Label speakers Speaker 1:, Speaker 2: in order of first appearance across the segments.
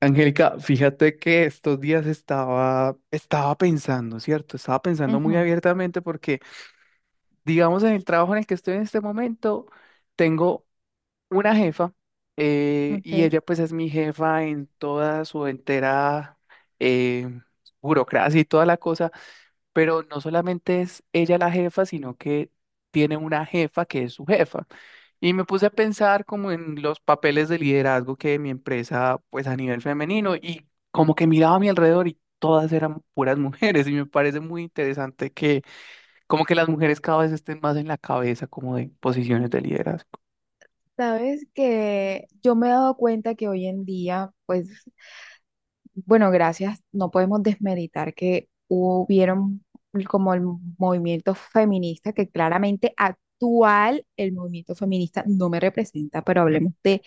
Speaker 1: Angélica, fíjate que estos días estaba pensando, ¿cierto? Estaba pensando muy
Speaker 2: Ujú,
Speaker 1: abiertamente porque, digamos, en el trabajo en el que estoy en este momento, tengo una jefa y
Speaker 2: ok.
Speaker 1: ella pues es mi jefa en toda su entera eh, burocracia y toda la cosa, pero no solamente es ella la jefa, sino que tiene una jefa que es su jefa. Y me puse a pensar como en los papeles de liderazgo que mi empresa, pues a nivel femenino, y como que miraba a mi alrededor y todas eran puras mujeres, y me parece muy interesante que como que las mujeres cada vez estén más en la cabeza como de posiciones de liderazgo.
Speaker 2: Sabes que yo me he dado cuenta que hoy en día, pues, bueno, gracias, no podemos desmeditar que hubieron como el movimiento feminista, que claramente actual el movimiento feminista no me representa, pero hablemos de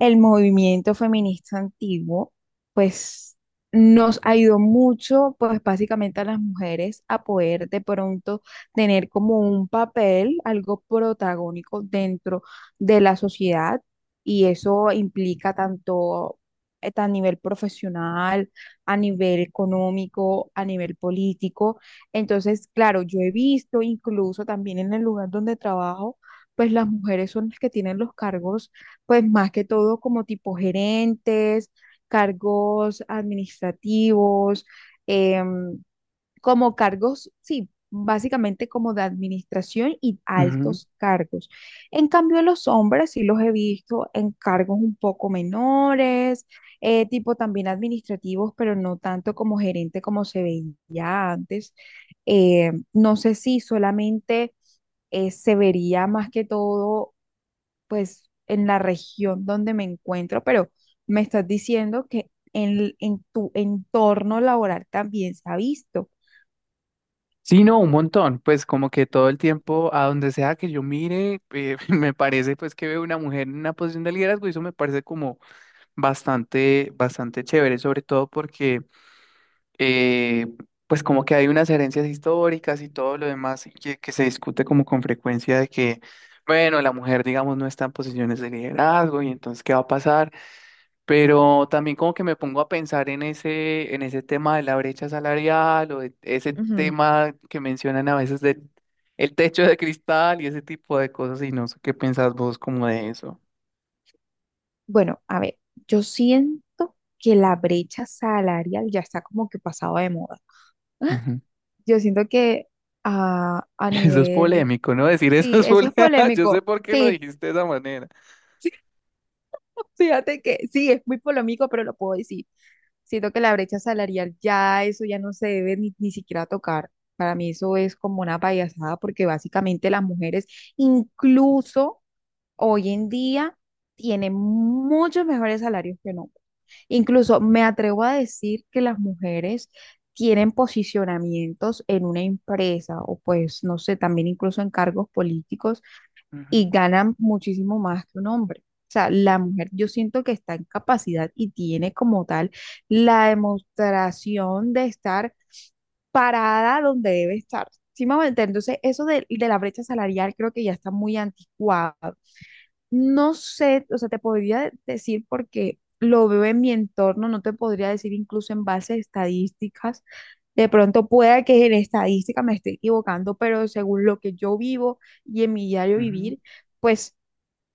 Speaker 2: el movimiento feminista antiguo, pues nos ayudó mucho, pues básicamente a las mujeres a poder de pronto tener como un papel, algo protagónico dentro de la sociedad y eso implica tanto a nivel profesional, a nivel económico, a nivel político. Entonces, claro, yo he visto incluso también en el lugar donde trabajo, pues las mujeres son las que tienen los cargos pues más que todo como tipo gerentes, cargos administrativos, em, como cargos, sí, básicamente como de administración y
Speaker 1: Ujú.
Speaker 2: altos cargos. En cambio, los hombres sí los he visto en cargos un poco menores, tipo también administrativos, pero no tanto como gerente como se veía antes. No sé si solamente se vería más que todo, pues, en la región donde me encuentro, pero me estás diciendo que en tu entorno laboral también se ha visto.
Speaker 1: Sí, no, un montón, pues como que todo el tiempo, a donde sea que yo mire, me parece pues que veo una mujer en una posición de liderazgo y eso me parece como bastante, bastante chévere, sobre todo porque eh, pues como que hay unas herencias históricas y todo lo demás que se discute como con frecuencia de que, bueno, la mujer, digamos, no está en posiciones de liderazgo y entonces, ¿qué va a pasar? Pero también como que me pongo a pensar en ese tema de la brecha salarial o de ese
Speaker 2: Ujú.
Speaker 1: tema que mencionan a veces del el techo de cristal y ese tipo de cosas y no sé qué pensás vos como de eso.
Speaker 2: Bueno, a ver, yo siento que la brecha salarial ya está como que pasado de moda.
Speaker 1: Ujú.
Speaker 2: Yo siento que a, a
Speaker 1: Eso es
Speaker 2: nivel,
Speaker 1: polémico, ¿no? Decir eso
Speaker 2: sí,
Speaker 1: es
Speaker 2: eso es
Speaker 1: polémico. Yo sé
Speaker 2: polémico.
Speaker 1: por qué lo
Speaker 2: Sí,
Speaker 1: dijiste de esa manera.
Speaker 2: fíjate que sí, es muy polémico, pero lo puedo decir. Siento que la brecha salarial ya eso ya no se debe ni siquiera tocar. Para mí eso es como una payasada porque básicamente las mujeres incluso hoy en día tienen muchos mejores salarios que no. Incluso me atrevo a decir que las mujeres tienen posicionamientos en una empresa o pues, no sé, también incluso en cargos políticos y
Speaker 1: Ujú,
Speaker 2: ganan muchísimo más que un hombre. O sea, la mujer yo siento que está en capacidad y tiene como tal la demostración de estar parada donde debe estar. ¿Sí me va a entender? Entonces, eso de la brecha salarial creo que ya está muy anticuado. No sé, o sea, te podría decir porque lo veo en mi entorno, no te podría decir incluso en base a estadísticas. De pronto pueda que en estadística me esté equivocando, pero según lo que yo vivo y en mi diario
Speaker 1: ujú.
Speaker 2: vivir, pues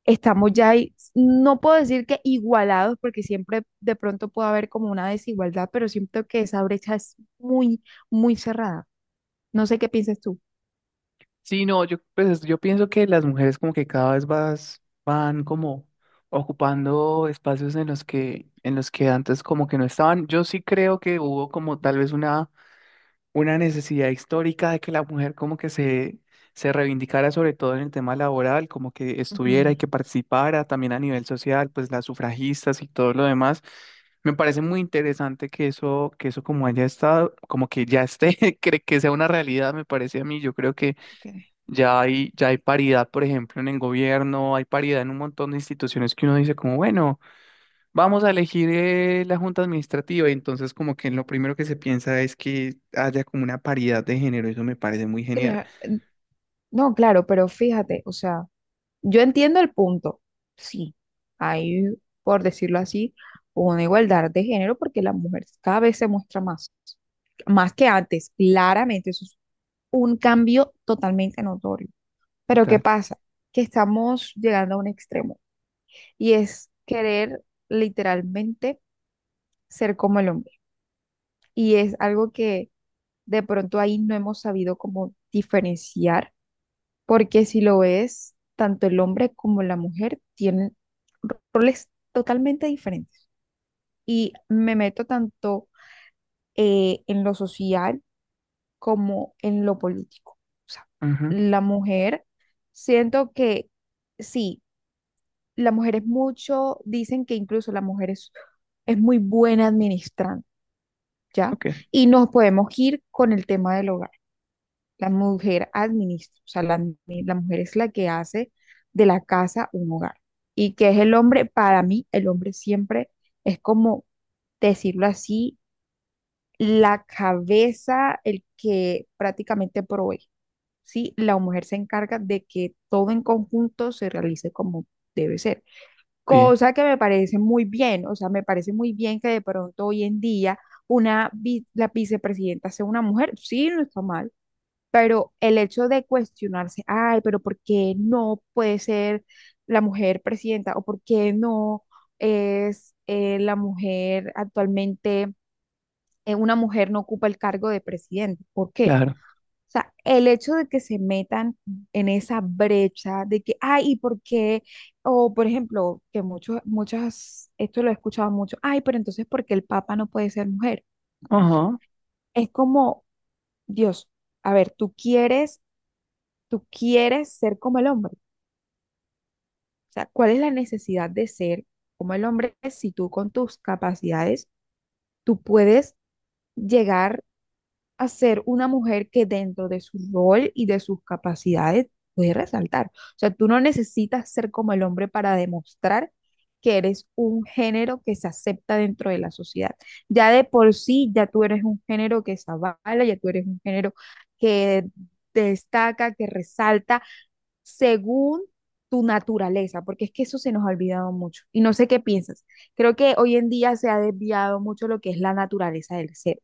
Speaker 2: estamos ya, ahí. No puedo decir que igualados, porque siempre de pronto puede haber como una desigualdad, pero siento que esa brecha es muy, muy cerrada. No sé qué piensas tú.
Speaker 1: Sí, no, yo, pues, yo pienso que las mujeres como que cada vez vas, van como ocupando espacios en los que antes como que no estaban. Yo sí creo que hubo como tal vez una necesidad histórica de que la mujer como que se reivindicara sobre todo en el tema laboral, como que estuviera
Speaker 2: Ujú,
Speaker 1: y que participara también a nivel social, pues las sufragistas y todo lo demás. Me parece muy interesante que eso como haya estado, como que ya esté, que sea una realidad, me parece a mí. Yo creo que
Speaker 2: ok.
Speaker 1: ya hay paridad, por ejemplo, en el gobierno, hay paridad en un montón de instituciones que uno dice como, bueno, vamos a elegir la junta administrativa. Y entonces como que lo primero que se piensa es que haya como una paridad de género. Eso me parece muy genial.
Speaker 2: Cla- No, claro, pero fíjate, o sea. Yo entiendo el punto. Sí, hay, por decirlo así, una igualdad de género porque la mujer cada vez se muestra más, más que antes, claramente. Eso es un cambio totalmente notorio. Pero ¿qué
Speaker 1: Total.
Speaker 2: pasa? Que estamos llegando a un extremo y es querer literalmente ser como el hombre. Y es algo que de pronto ahí no hemos sabido cómo diferenciar. Porque si lo ves, tanto el hombre como la mujer tienen roles totalmente diferentes. Y me meto tanto en lo social como en lo político. O sea,
Speaker 1: Ujú.
Speaker 2: la mujer, siento que sí, la mujer es mucho, dicen que incluso la mujer es muy buena administrando, ¿ya?
Speaker 1: Ok.
Speaker 2: Y nos podemos ir con el tema del hogar. La mujer administra, o sea, la mujer es la que hace de la casa un hogar. Y que es el hombre, para mí, el hombre siempre es como, decirlo así, la cabeza, el que prácticamente provee, ¿sí? La mujer se encarga de que todo en conjunto se realice como debe ser.
Speaker 1: Bien.
Speaker 2: Cosa que me parece muy bien, o sea, me parece muy bien que de pronto hoy en día la vicepresidenta sea una mujer, sí, no está mal, pero el hecho de cuestionarse, ay, pero ¿por qué no puede ser la mujer presidenta? ¿O por qué no es la mujer actualmente, una mujer no ocupa el cargo de presidente? ¿Por qué?
Speaker 1: Claro.
Speaker 2: O sea, el hecho de que se metan en esa brecha de que, ay, ¿y por qué? O, por ejemplo, que muchos, muchas, esto lo he escuchado mucho, ay, pero entonces, ¿por qué el papa no puede ser mujer?
Speaker 1: Ajá.
Speaker 2: Es como, Dios, a ver, tú quieres ser como el hombre. O sea, ¿cuál es la necesidad de ser como el hombre si tú con tus capacidades, tú puedes llegar a ser una mujer que dentro de su rol y de sus capacidades puede resaltar? O sea, tú no necesitas ser como el hombre para demostrar que eres un género que se acepta dentro de la sociedad. Ya de por sí, ya tú eres un género que se avala, ya tú eres un género que destaca, que resalta según tu naturaleza, porque es que eso se nos ha olvidado mucho. Y no sé qué piensas. Creo que hoy en día se ha desviado mucho lo que es la naturaleza del ser.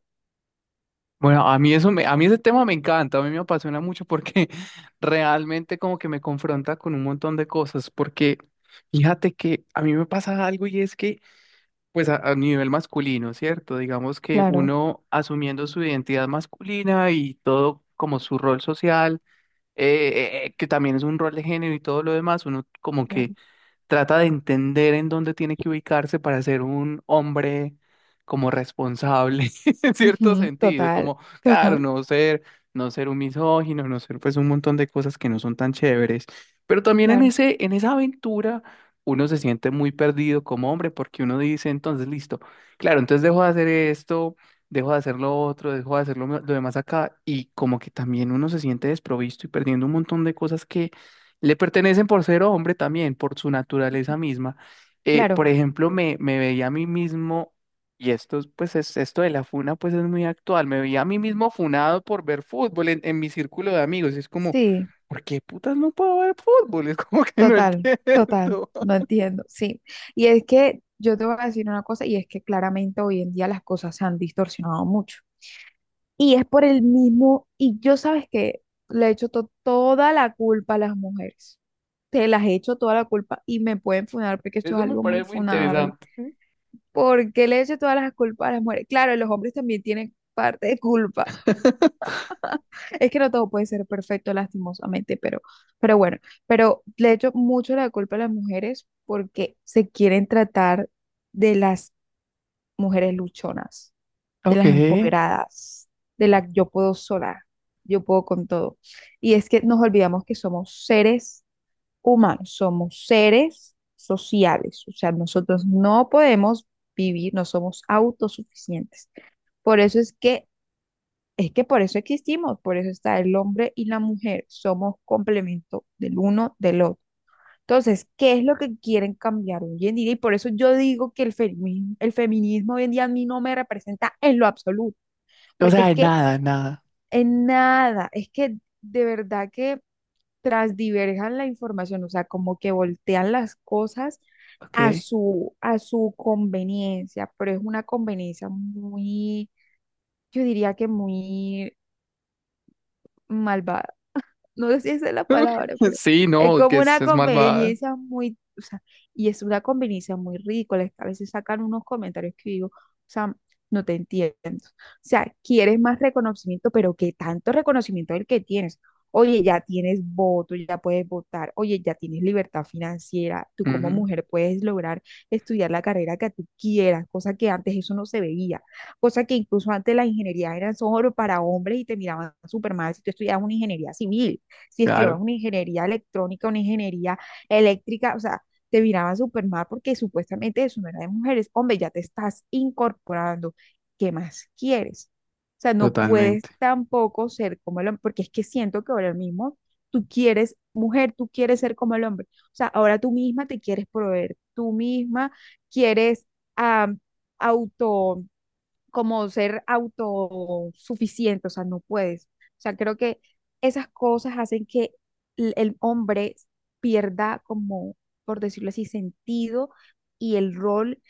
Speaker 1: Bueno, a mí eso me, a mí ese tema me encanta, a mí me apasiona mucho porque realmente como que me confronta con un montón de cosas, porque fíjate que a mí me pasa algo y es que pues a nivel masculino, ¿cierto? Digamos que
Speaker 2: Claro,
Speaker 1: uno asumiendo su identidad masculina y todo como su rol social, eh, que también es un rol de género y todo lo demás, uno como que
Speaker 2: claro.
Speaker 1: trata de entender en dónde tiene que ubicarse para ser un hombre como responsable, en cierto
Speaker 2: Ujú,
Speaker 1: sentido,
Speaker 2: total,
Speaker 1: como, claro,
Speaker 2: total.
Speaker 1: no ser un misógino, no ser pues un montón de cosas que no son tan chéveres, pero también en
Speaker 2: Claro,
Speaker 1: esa aventura uno se siente muy perdido como hombre porque uno dice, entonces, listo, claro, entonces dejo de hacer esto. Dejo de hacer lo otro, dejo de hacer lo demás acá y como que también uno se siente desprovisto y perdiendo un montón de cosas le pertenecen por ser hombre también, por su naturaleza misma. Por
Speaker 2: claro,
Speaker 1: ejemplo, me veía a mí mismo, y esto de la funa pues es muy actual, me veía a mí mismo funado por ver fútbol en mi círculo de amigos. Es como,
Speaker 2: sí,
Speaker 1: ¿por qué putas no puedo ver fútbol? Es como que no
Speaker 2: total, total,
Speaker 1: entiendo.
Speaker 2: no entiendo, sí. Y es que yo te voy a decir una cosa, y es que claramente hoy en día las cosas se han distorsionado mucho. Y es por el mismo, y yo sabes que le echo toda la culpa a las mujeres. Te las echo toda la culpa y me pueden funar porque esto es
Speaker 1: Eso me
Speaker 2: algo
Speaker 1: parece
Speaker 2: muy
Speaker 1: muy
Speaker 2: funable.
Speaker 1: interesante.
Speaker 2: ¿Por qué le echo todas las culpas a las mujeres? Claro, los hombres también tienen parte de culpa. Es que no todo puede ser perfecto, lastimosamente, pero bueno, pero le echo mucho la culpa a las mujeres porque se quieren tratar de las mujeres luchonas, de
Speaker 1: Ok,
Speaker 2: las empoderadas, de la yo puedo sola, yo puedo con todo. Y es que nos olvidamos que somos seres humanos, somos seres sociales, o sea, nosotros no podemos vivir, no somos autosuficientes. Por eso es que por eso existimos, por eso está el hombre y la mujer, somos complemento del uno del otro. Entonces, ¿qué es lo que quieren cambiar hoy en día? Y por eso yo digo que el feminismo hoy en día a mí no me representa en lo absoluto,
Speaker 1: o
Speaker 2: porque es
Speaker 1: sea,
Speaker 2: que
Speaker 1: nada, nada,
Speaker 2: en nada, es que de verdad que transdiverjan la información, o sea, como que voltean las cosas
Speaker 1: ok.
Speaker 2: a su conveniencia, pero es una conveniencia muy, yo diría que muy malvada, no sé si esa es la palabra, pero
Speaker 1: Sí,
Speaker 2: es
Speaker 1: no,
Speaker 2: como
Speaker 1: que
Speaker 2: una
Speaker 1: es malvada.
Speaker 2: conveniencia muy, o sea, y es una conveniencia muy ridícula. Es que a veces sacan unos comentarios que digo, o sea, no te entiendo. O sea, quieres más reconocimiento, pero ¿qué tanto reconocimiento es el que tienes? Oye, ya tienes voto, ya puedes votar. Oye, ya tienes libertad financiera. Tú como
Speaker 1: Ujú.
Speaker 2: mujer puedes lograr estudiar la carrera que tú quieras, cosa que antes eso no se veía, cosa que incluso antes la ingeniería era solo para hombres y te miraban súper mal si tú estudiabas una ingeniería civil, si estudiabas
Speaker 1: Claro,
Speaker 2: una ingeniería electrónica, una ingeniería eléctrica, o sea, te miraban súper mal porque supuestamente eso no era de mujeres. Hombre, ya te estás incorporando. ¿Qué más quieres? O sea, no puedes
Speaker 1: totalmente.
Speaker 2: tampoco ser como el hombre, porque es que siento que ahora mismo tú quieres, mujer, tú quieres ser como el hombre. O sea, ahora tú misma te quieres proveer, tú misma quieres ah, auto como ser autosuficiente, o sea, no puedes. O sea, creo que esas cosas hacen que el hombre pierda como, por decirlo así, sentido y el rol,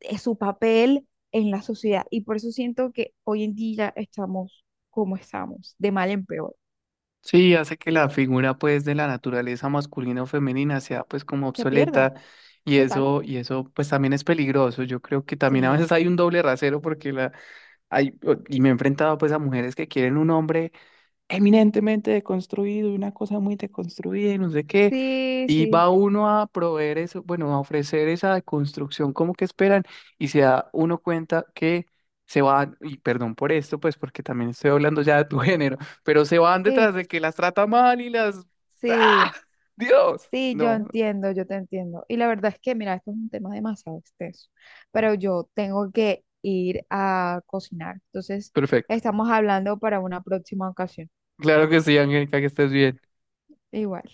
Speaker 2: su papel en la sociedad. Y por eso siento que hoy en día estamos como estamos, de mal en peor.
Speaker 1: Sí, hace que la figura pues de la naturaleza masculina o femenina sea pues como
Speaker 2: Se pierda,
Speaker 1: obsoleta y
Speaker 2: total.
Speaker 1: eso pues también es peligroso. Yo creo que también a
Speaker 2: Sí,
Speaker 1: veces hay un doble rasero porque la hay y me he enfrentado pues a mujeres que quieren un hombre eminentemente deconstruido y una cosa muy deconstruida y no sé qué.
Speaker 2: sí,
Speaker 1: Y
Speaker 2: sí,
Speaker 1: va uno a proveer eso, bueno, a ofrecer esa deconstrucción como que esperan y se da uno cuenta que se van, y perdón por esto, pues porque también estoy hablando ya de tu género, pero se van
Speaker 2: sí,
Speaker 1: detrás de que las trata mal y las... ¡Ah!
Speaker 2: sí.
Speaker 1: Dios.
Speaker 2: Sí, yo
Speaker 1: No,
Speaker 2: entiendo, yo te entiendo. Y la verdad es que, mira, esto es un tema demasiado extenso, pero yo tengo que ir a cocinar. Entonces,
Speaker 1: perfecto.
Speaker 2: estamos hablando para una próxima ocasión.
Speaker 1: Claro que sí, Angélica, que estés bien.
Speaker 2: Igual.